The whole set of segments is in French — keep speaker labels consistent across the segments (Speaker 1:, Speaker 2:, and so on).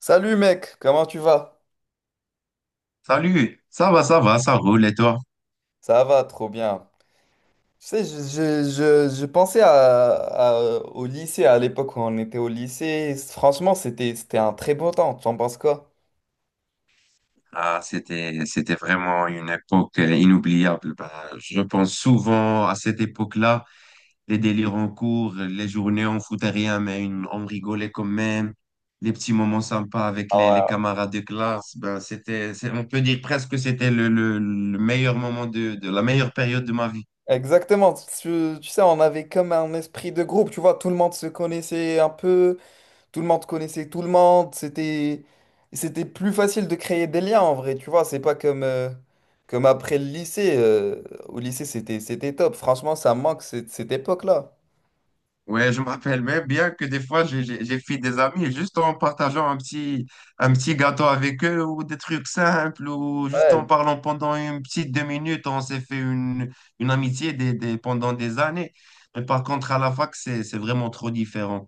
Speaker 1: Salut mec, comment tu vas?
Speaker 2: Salut, ça va, ça va, ça roule et toi?
Speaker 1: Ça va, trop bien. Tu sais, je pensais au lycée, à l'époque où on était au lycée. Franchement, c'était un très beau temps. Tu en penses quoi?
Speaker 2: C'était vraiment une époque inoubliable. Je pense souvent à cette époque-là, les délires en cours, les journées on foutait rien, mais on rigolait quand même, les petits moments sympas avec les
Speaker 1: Ah
Speaker 2: camarades de classe. On peut dire presque que c'était le meilleur moment de la meilleure période de ma vie.
Speaker 1: ouais. Exactement. Tu sais, on avait comme un esprit de groupe. Tu vois, tout le monde se connaissait un peu. Tout le monde connaissait tout le monde. C'était plus facile de créer des liens en vrai. Tu vois, c'est pas comme comme après le lycée. Au lycée, c'était top. Franchement, ça me manque cette époque-là.
Speaker 2: Ouais, je me rappelle même bien que des fois, j'ai fait des amis juste en partageant un petit gâteau avec eux ou des trucs simples ou juste en
Speaker 1: Ouais,
Speaker 2: parlant pendant une petite 2 minutes, on s'est fait une amitié pendant des années. Mais par contre, à la fac, c'est vraiment trop différent.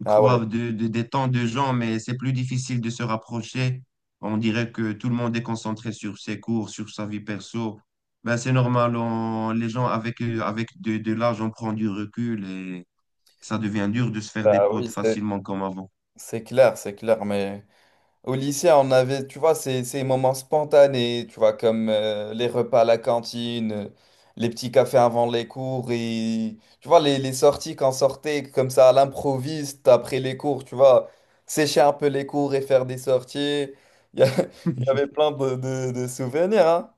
Speaker 2: On
Speaker 1: ah ouais,
Speaker 2: croise des temps de gens, mais c'est plus difficile de se rapprocher. On dirait que tout le monde est concentré sur ses cours, sur sa vie perso. Ben, c'est normal, les gens avec, avec de l'âge, on prend du recul, ça devient dur de se faire des
Speaker 1: bah
Speaker 2: potes
Speaker 1: oui, c'est
Speaker 2: facilement comme avant.
Speaker 1: c'est clair, c'est clair, mais au lycée, on avait, tu vois, ces moments spontanés, tu vois, comme les repas à la cantine, les petits cafés avant les cours, et tu vois, les sorties qu'on sortait comme ça à l'improviste après les cours, tu vois, sécher un peu les cours et faire des sorties. Il y, a- il y avait plein de souvenirs, hein?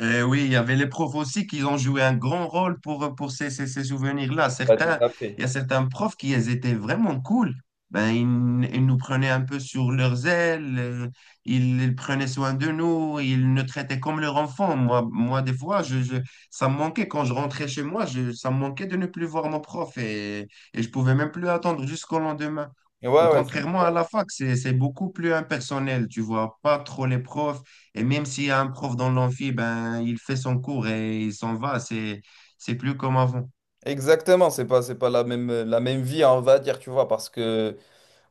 Speaker 2: Eh oui, il y avait les profs aussi qui ont joué un grand rôle pour ces souvenirs-là.
Speaker 1: Ouais, tout
Speaker 2: Certains,
Speaker 1: à
Speaker 2: il
Speaker 1: fait.
Speaker 2: y a certains profs qui ils étaient vraiment cool. Ben, ils nous prenaient un peu sur leurs ailes, ils prenaient soin de nous, ils nous traitaient comme leurs enfants. Moi des fois, ça me manquait quand je rentrais chez moi, je, ça me manquait de ne plus voir mon prof et je pouvais même plus attendre jusqu'au lendemain.
Speaker 1: Ouais, ouais, c'est
Speaker 2: Contrairement à la fac, c'est beaucoup plus impersonnel, tu vois pas trop les profs. Et même s'il y a un prof dans l'amphi, ben, il fait son cours et il s'en va. C'est plus comme avant.
Speaker 1: exactement, c'est pas la même vie, on va dire, tu vois, parce que.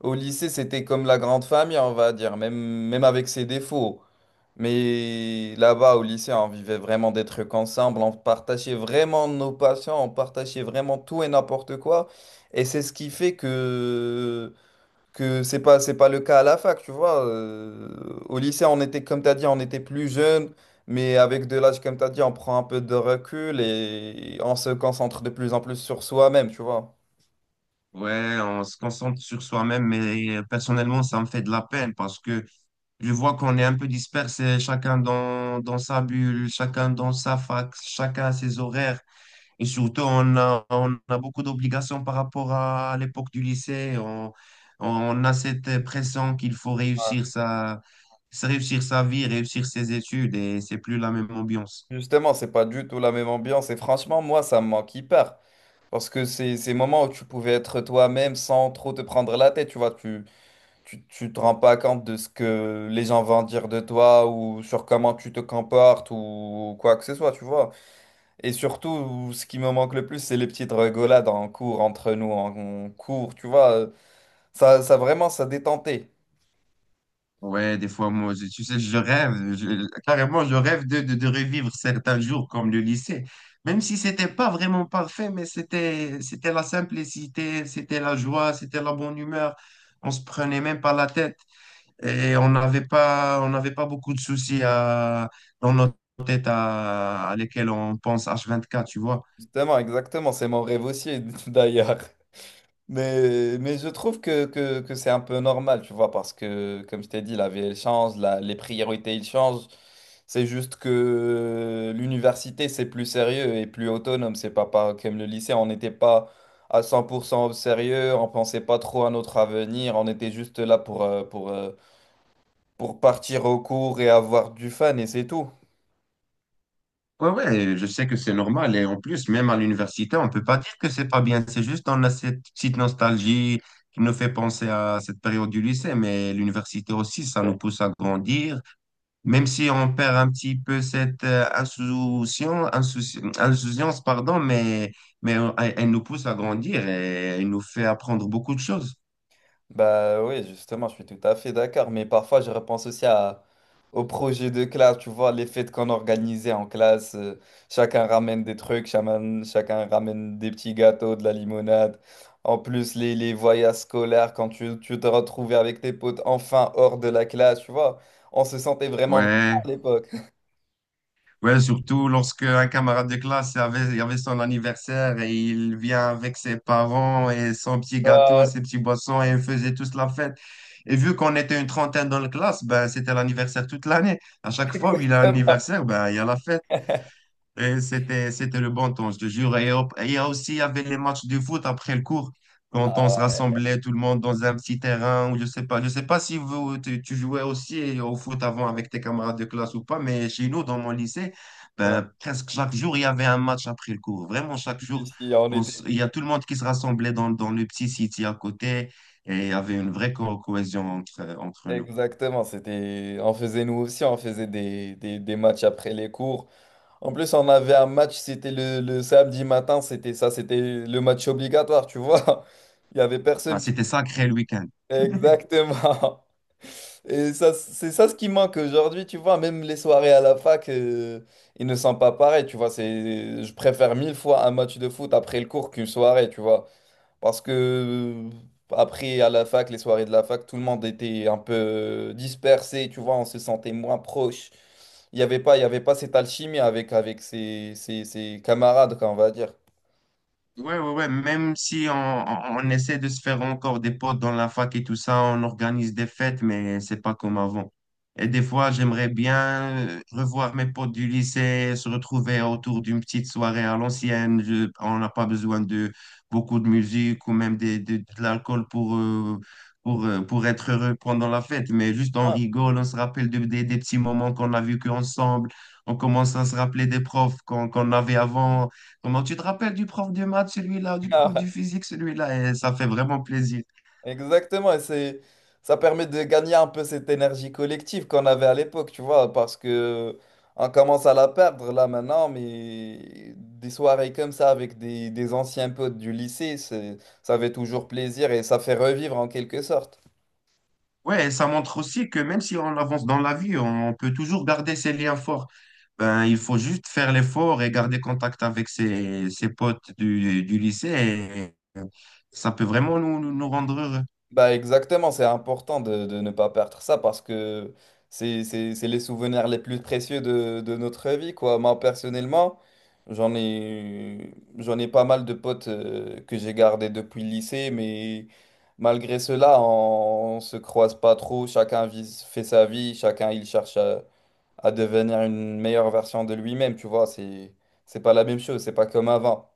Speaker 1: Au lycée, c'était comme la grande famille, on va dire, même avec ses défauts. Mais là-bas, au lycée, on vivait vraiment des trucs ensemble, on partageait vraiment nos passions, on partageait vraiment tout et n'importe quoi. Et c'est ce qui fait que c'est pas le cas à la fac, tu vois. Au lycée, on était, comme tu as dit, on était plus jeunes, mais avec de l'âge, comme tu as dit, on prend un peu de recul et on se concentre de plus en plus sur soi-même, tu vois.
Speaker 2: Ouais, on se concentre sur soi-même, mais personnellement, ça me fait de la peine parce que je vois qu'on est un peu dispersé, chacun dans sa bulle, chacun dans sa fac, chacun à ses horaires. Et surtout, on a beaucoup d'obligations par rapport à l'époque du lycée. On a cette pression qu'il faut réussir réussir sa vie, réussir ses études et c'est plus la même ambiance.
Speaker 1: Justement, c'est pas du tout la même ambiance. Et franchement, moi, ça me manque hyper. Parce que c'est ces moments où tu pouvais être toi-même sans trop te prendre la tête. Tu vois, tu te rends pas compte de ce que les gens vont dire de toi ou sur comment tu te comportes ou quoi que ce soit, tu vois. Et surtout, ce qui me manque le plus, c'est les petites rigolades en cours, entre nous, en cours, tu vois. Ça vraiment, ça détentait.
Speaker 2: Ouais, des fois, moi, tu sais, je rêve, carrément, je rêve de revivre certains jours comme le lycée. Même si c'était pas vraiment parfait, mais c'était la simplicité, c'était la joie, c'était la bonne humeur. On se prenait même pas la tête et on n'avait pas beaucoup de soucis à, dans notre tête à lesquels on pense H24, tu vois.
Speaker 1: Justement, exactement. C'est mon rêve aussi, d'ailleurs. Mais je trouve que c'est un peu normal, tu vois, parce que, comme je t'ai dit, la vie, elle change, les priorités, ils changent. C'est juste que l'université, c'est plus sérieux et plus autonome. C'est pas comme le lycée, on n'était pas à 100% au sérieux, on pensait pas trop à notre avenir, on était juste là pour pour partir au cours et avoir du fun, et c'est tout.
Speaker 2: Ouais, ouais, je sais que c'est normal. Et en plus, même à l'université, on peut pas dire que c'est pas bien. C'est juste on a cette petite nostalgie qui nous fait penser à cette période du lycée. Mais l'université aussi, ça nous pousse à grandir. Même si on perd un petit peu cette insouciance, insouciance, pardon, mais elle nous pousse à grandir et elle nous fait apprendre beaucoup de choses.
Speaker 1: Bah oui, justement, je suis tout à fait d'accord, mais parfois je repense aussi aux projets de classe, tu vois, les fêtes qu'on organisait en classe, chacun ramène des trucs, chacun ramène des petits gâteaux, de la limonade. En plus, les voyages scolaires, quand tu te retrouvais avec tes potes enfin hors de la classe, tu vois, on se sentait vraiment vivant
Speaker 2: Ouais.
Speaker 1: à l'époque.
Speaker 2: Ouais, surtout lorsque un camarade de classe avait, il avait son anniversaire et il vient avec ses parents et son petit gâteau,
Speaker 1: Ouais,
Speaker 2: ses petits boissons et ils faisaient tous la fête. Et vu qu'on était une 30aine dans la classe, ben, c'était l'anniversaire toute l'année. À chaque fois où il a un
Speaker 1: vraiment.
Speaker 2: anniversaire, ben, il y a la fête. Et c'était le bon temps, je te jure. Et hop, et il y a aussi, il y avait les matchs de foot après le cours, quand on se rassemblait tout le monde dans un petit terrain, ou je sais pas. Je sais pas si vous, tu jouais aussi au foot avant avec tes camarades de classe ou pas, mais chez nous, dans mon lycée,
Speaker 1: Ouais,
Speaker 2: ben, presque chaque jour, il y avait un match après le cours. Vraiment, chaque jour,
Speaker 1: si, on était
Speaker 2: il y a tout le monde qui se rassemblait dans le petit city à côté, et il y avait une vraie cohésion entre, entre nous.
Speaker 1: exactement, c'était, on faisait nous aussi, on faisait des matchs après les cours. En plus, on avait un match, c'était le samedi matin, c'était ça, c'était le match obligatoire, tu vois. Il y avait
Speaker 2: Ah,
Speaker 1: personne
Speaker 2: c'était
Speaker 1: qui...
Speaker 2: sacré le week-end.
Speaker 1: Exactement. Et ça, c'est ça ce qui manque aujourd'hui, tu vois. Même les soirées à la fac, ils ne sont pas pareils, tu vois. C'est, je préfère mille fois un match de foot après le cours qu'une soirée, tu vois. Parce que après, à la fac, les soirées de la fac, tout le monde était un peu dispersé, tu vois, on se sentait moins proche. Il y avait pas cette alchimie avec, avec ses camarades, quoi, on va dire.
Speaker 2: Ouais, ouais, ouais, même si on essaie de se faire encore des potes dans la fac et tout ça, on organise des fêtes, mais c'est pas comme avant. Et des fois, j'aimerais bien revoir mes potes du lycée, se retrouver autour d'une petite soirée à l'ancienne. On n'a pas besoin de beaucoup de musique ou même de l'alcool pour être heureux pendant la fête, mais juste on
Speaker 1: Ouais.
Speaker 2: rigole, on se rappelle des petits moments qu'on a vécu ensemble, on commence à se rappeler des profs qu'on avait avant. Comment tu te rappelles du prof de maths, celui-là, du
Speaker 1: Ah
Speaker 2: prof
Speaker 1: ouais,
Speaker 2: du physique, celui-là, et ça fait vraiment plaisir.
Speaker 1: exactement, et c'est ça permet de gagner un peu cette énergie collective qu'on avait à l'époque, tu vois, parce que on commence à la perdre là maintenant, mais des soirées comme ça avec des anciens potes du lycée, ça fait toujours plaisir et ça fait revivre en quelque sorte.
Speaker 2: Ouais, et ça montre aussi que même si on avance dans la vie, on peut toujours garder ses liens forts. Ben, il faut juste faire l'effort et garder contact avec ses, ses potes du lycée. Et ça peut vraiment nous rendre heureux.
Speaker 1: Bah exactement, c'est important de ne pas perdre ça parce que c'est les souvenirs les plus précieux de notre vie, quoi. Moi, personnellement, j'en ai pas mal de potes que j'ai gardés depuis le lycée, mais malgré cela, on se croise pas trop. Fait sa vie, chacun il cherche à devenir une meilleure version de lui-même, tu vois. C'est pas la même chose, c'est pas comme avant.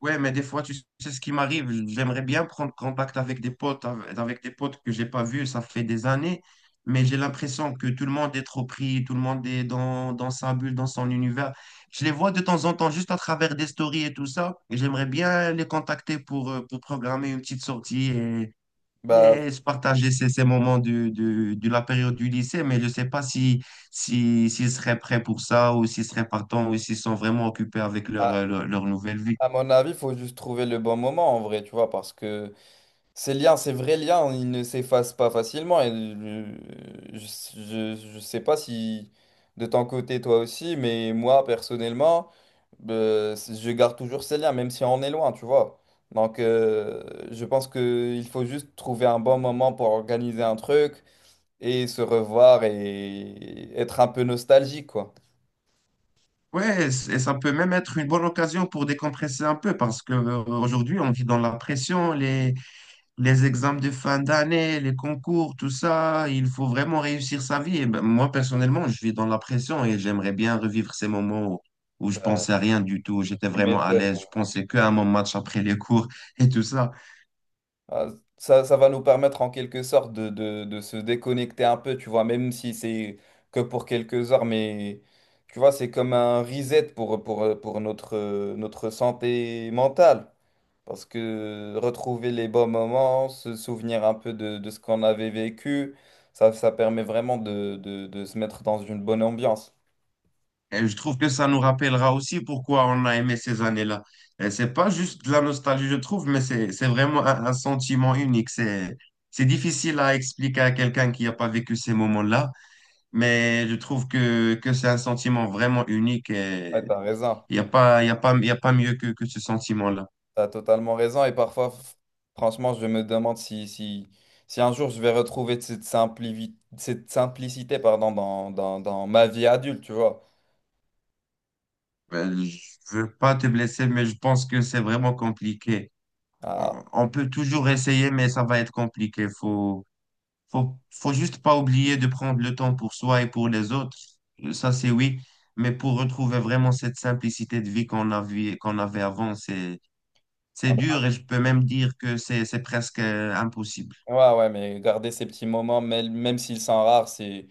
Speaker 2: Ouais, mais des fois, tu sais ce qui m'arrive. J'aimerais bien prendre contact avec des potes, avec des potes que j'ai pas vus, ça fait des années, mais j'ai l'impression que tout le monde est trop pris, tout le monde est dans, dans sa bulle, dans son univers. Je les vois de temps en temps juste à travers des stories et tout ça, et j'aimerais bien les contacter pour programmer une petite sortie
Speaker 1: Bah,
Speaker 2: et se partager ces moments de la période du lycée, mais je sais pas si, si, s'ils seraient prêts pour ça ou s'ils seraient partants ou s'ils sont vraiment occupés avec leur,
Speaker 1: à,
Speaker 2: leur nouvelle vie.
Speaker 1: à mon avis, il faut juste trouver le bon moment en vrai, tu vois, parce que. Ces liens, ces vrais liens, ils ne s'effacent pas facilement. Et je, je sais pas si de ton côté, toi aussi, mais moi, personnellement, je garde toujours ces liens, même si on est loin, tu vois. Donc, je pense qu'il faut juste trouver un bon moment pour organiser un truc et se revoir et être un peu nostalgique, quoi.
Speaker 2: Ouais, et ça peut même être une bonne occasion pour décompresser un peu parce que aujourd'hui on vit dans la pression, les examens de fin d'année, les concours, tout ça, il faut vraiment réussir sa vie. Et ben, moi personnellement, je vis dans la pression et j'aimerais bien revivre ces moments où, où je
Speaker 1: Bah,
Speaker 2: pensais à rien du tout, j'étais
Speaker 1: tu
Speaker 2: vraiment à
Speaker 1: m'étonnes.
Speaker 2: l'aise, je pensais qu'à mon match après les cours et tout ça.
Speaker 1: Ah, ça va nous permettre en quelque sorte de se déconnecter un peu, tu vois, même si c'est que pour quelques heures, mais tu vois, c'est comme un reset pour notre, notre santé mentale. Parce que retrouver les bons moments, se souvenir un peu de ce qu'on avait vécu, ça permet vraiment de se mettre dans une bonne ambiance.
Speaker 2: Et je trouve que ça nous rappellera aussi pourquoi on a aimé ces années-là. Et c'est pas juste de la nostalgie, je trouve, mais c'est vraiment un sentiment unique. C'est difficile à expliquer à quelqu'un qui n'a pas vécu ces moments-là, mais je trouve que c'est un sentiment vraiment unique et
Speaker 1: Ouais, t'as raison.
Speaker 2: il n'y a pas, il y a pas, il y a pas mieux que ce sentiment-là.
Speaker 1: T'as totalement raison. Et parfois, franchement, je me demande si, si un jour je vais retrouver cette simplicité, pardon, dans ma vie adulte, tu vois.
Speaker 2: Euh, Je veux pas te blesser, mais je pense que c'est vraiment compliqué.
Speaker 1: Ah,
Speaker 2: On peut toujours essayer, mais ça va être compliqué. Faut juste pas oublier de prendre le temps pour soi et pour les autres. Ça, c'est oui. Mais pour retrouver vraiment cette simplicité de vie qu'on avait avant, c'est
Speaker 1: ah
Speaker 2: dur
Speaker 1: bah,
Speaker 2: et je peux même dire que c'est presque impossible.
Speaker 1: ouais, ouais, mais garder ces petits moments, même s'ils sont rares,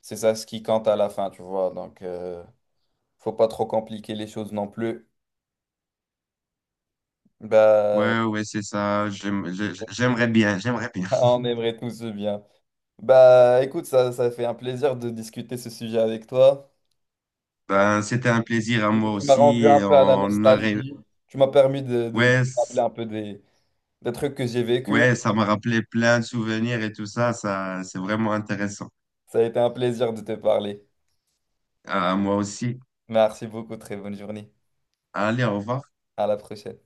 Speaker 1: c'est ça ce qui compte à la fin, tu vois. Donc, faut pas trop compliquer les choses non plus. Bah,
Speaker 2: Ouais, ouais, c'est ça. J'aimerais bien, j'aimerais bien.
Speaker 1: on aimerait tous ce bien. Bah, écoute, ça fait un plaisir de discuter ce sujet avec toi.
Speaker 2: Ben, c'était un plaisir à
Speaker 1: Donc,
Speaker 2: moi
Speaker 1: tu m'as rendu
Speaker 2: aussi.
Speaker 1: un
Speaker 2: Et
Speaker 1: peu à la
Speaker 2: on arrive.
Speaker 1: nostalgie. Tu m'as permis de
Speaker 2: Ouais,
Speaker 1: rappeler un peu des trucs que j'ai vécu.
Speaker 2: ouais, ça m'a rappelé plein de souvenirs et tout ça. Ça, c'est vraiment intéressant.
Speaker 1: Ça a été un plaisir de te parler.
Speaker 2: À moi aussi.
Speaker 1: Merci beaucoup. Très bonne journée.
Speaker 2: Allez, au revoir.
Speaker 1: À la prochaine.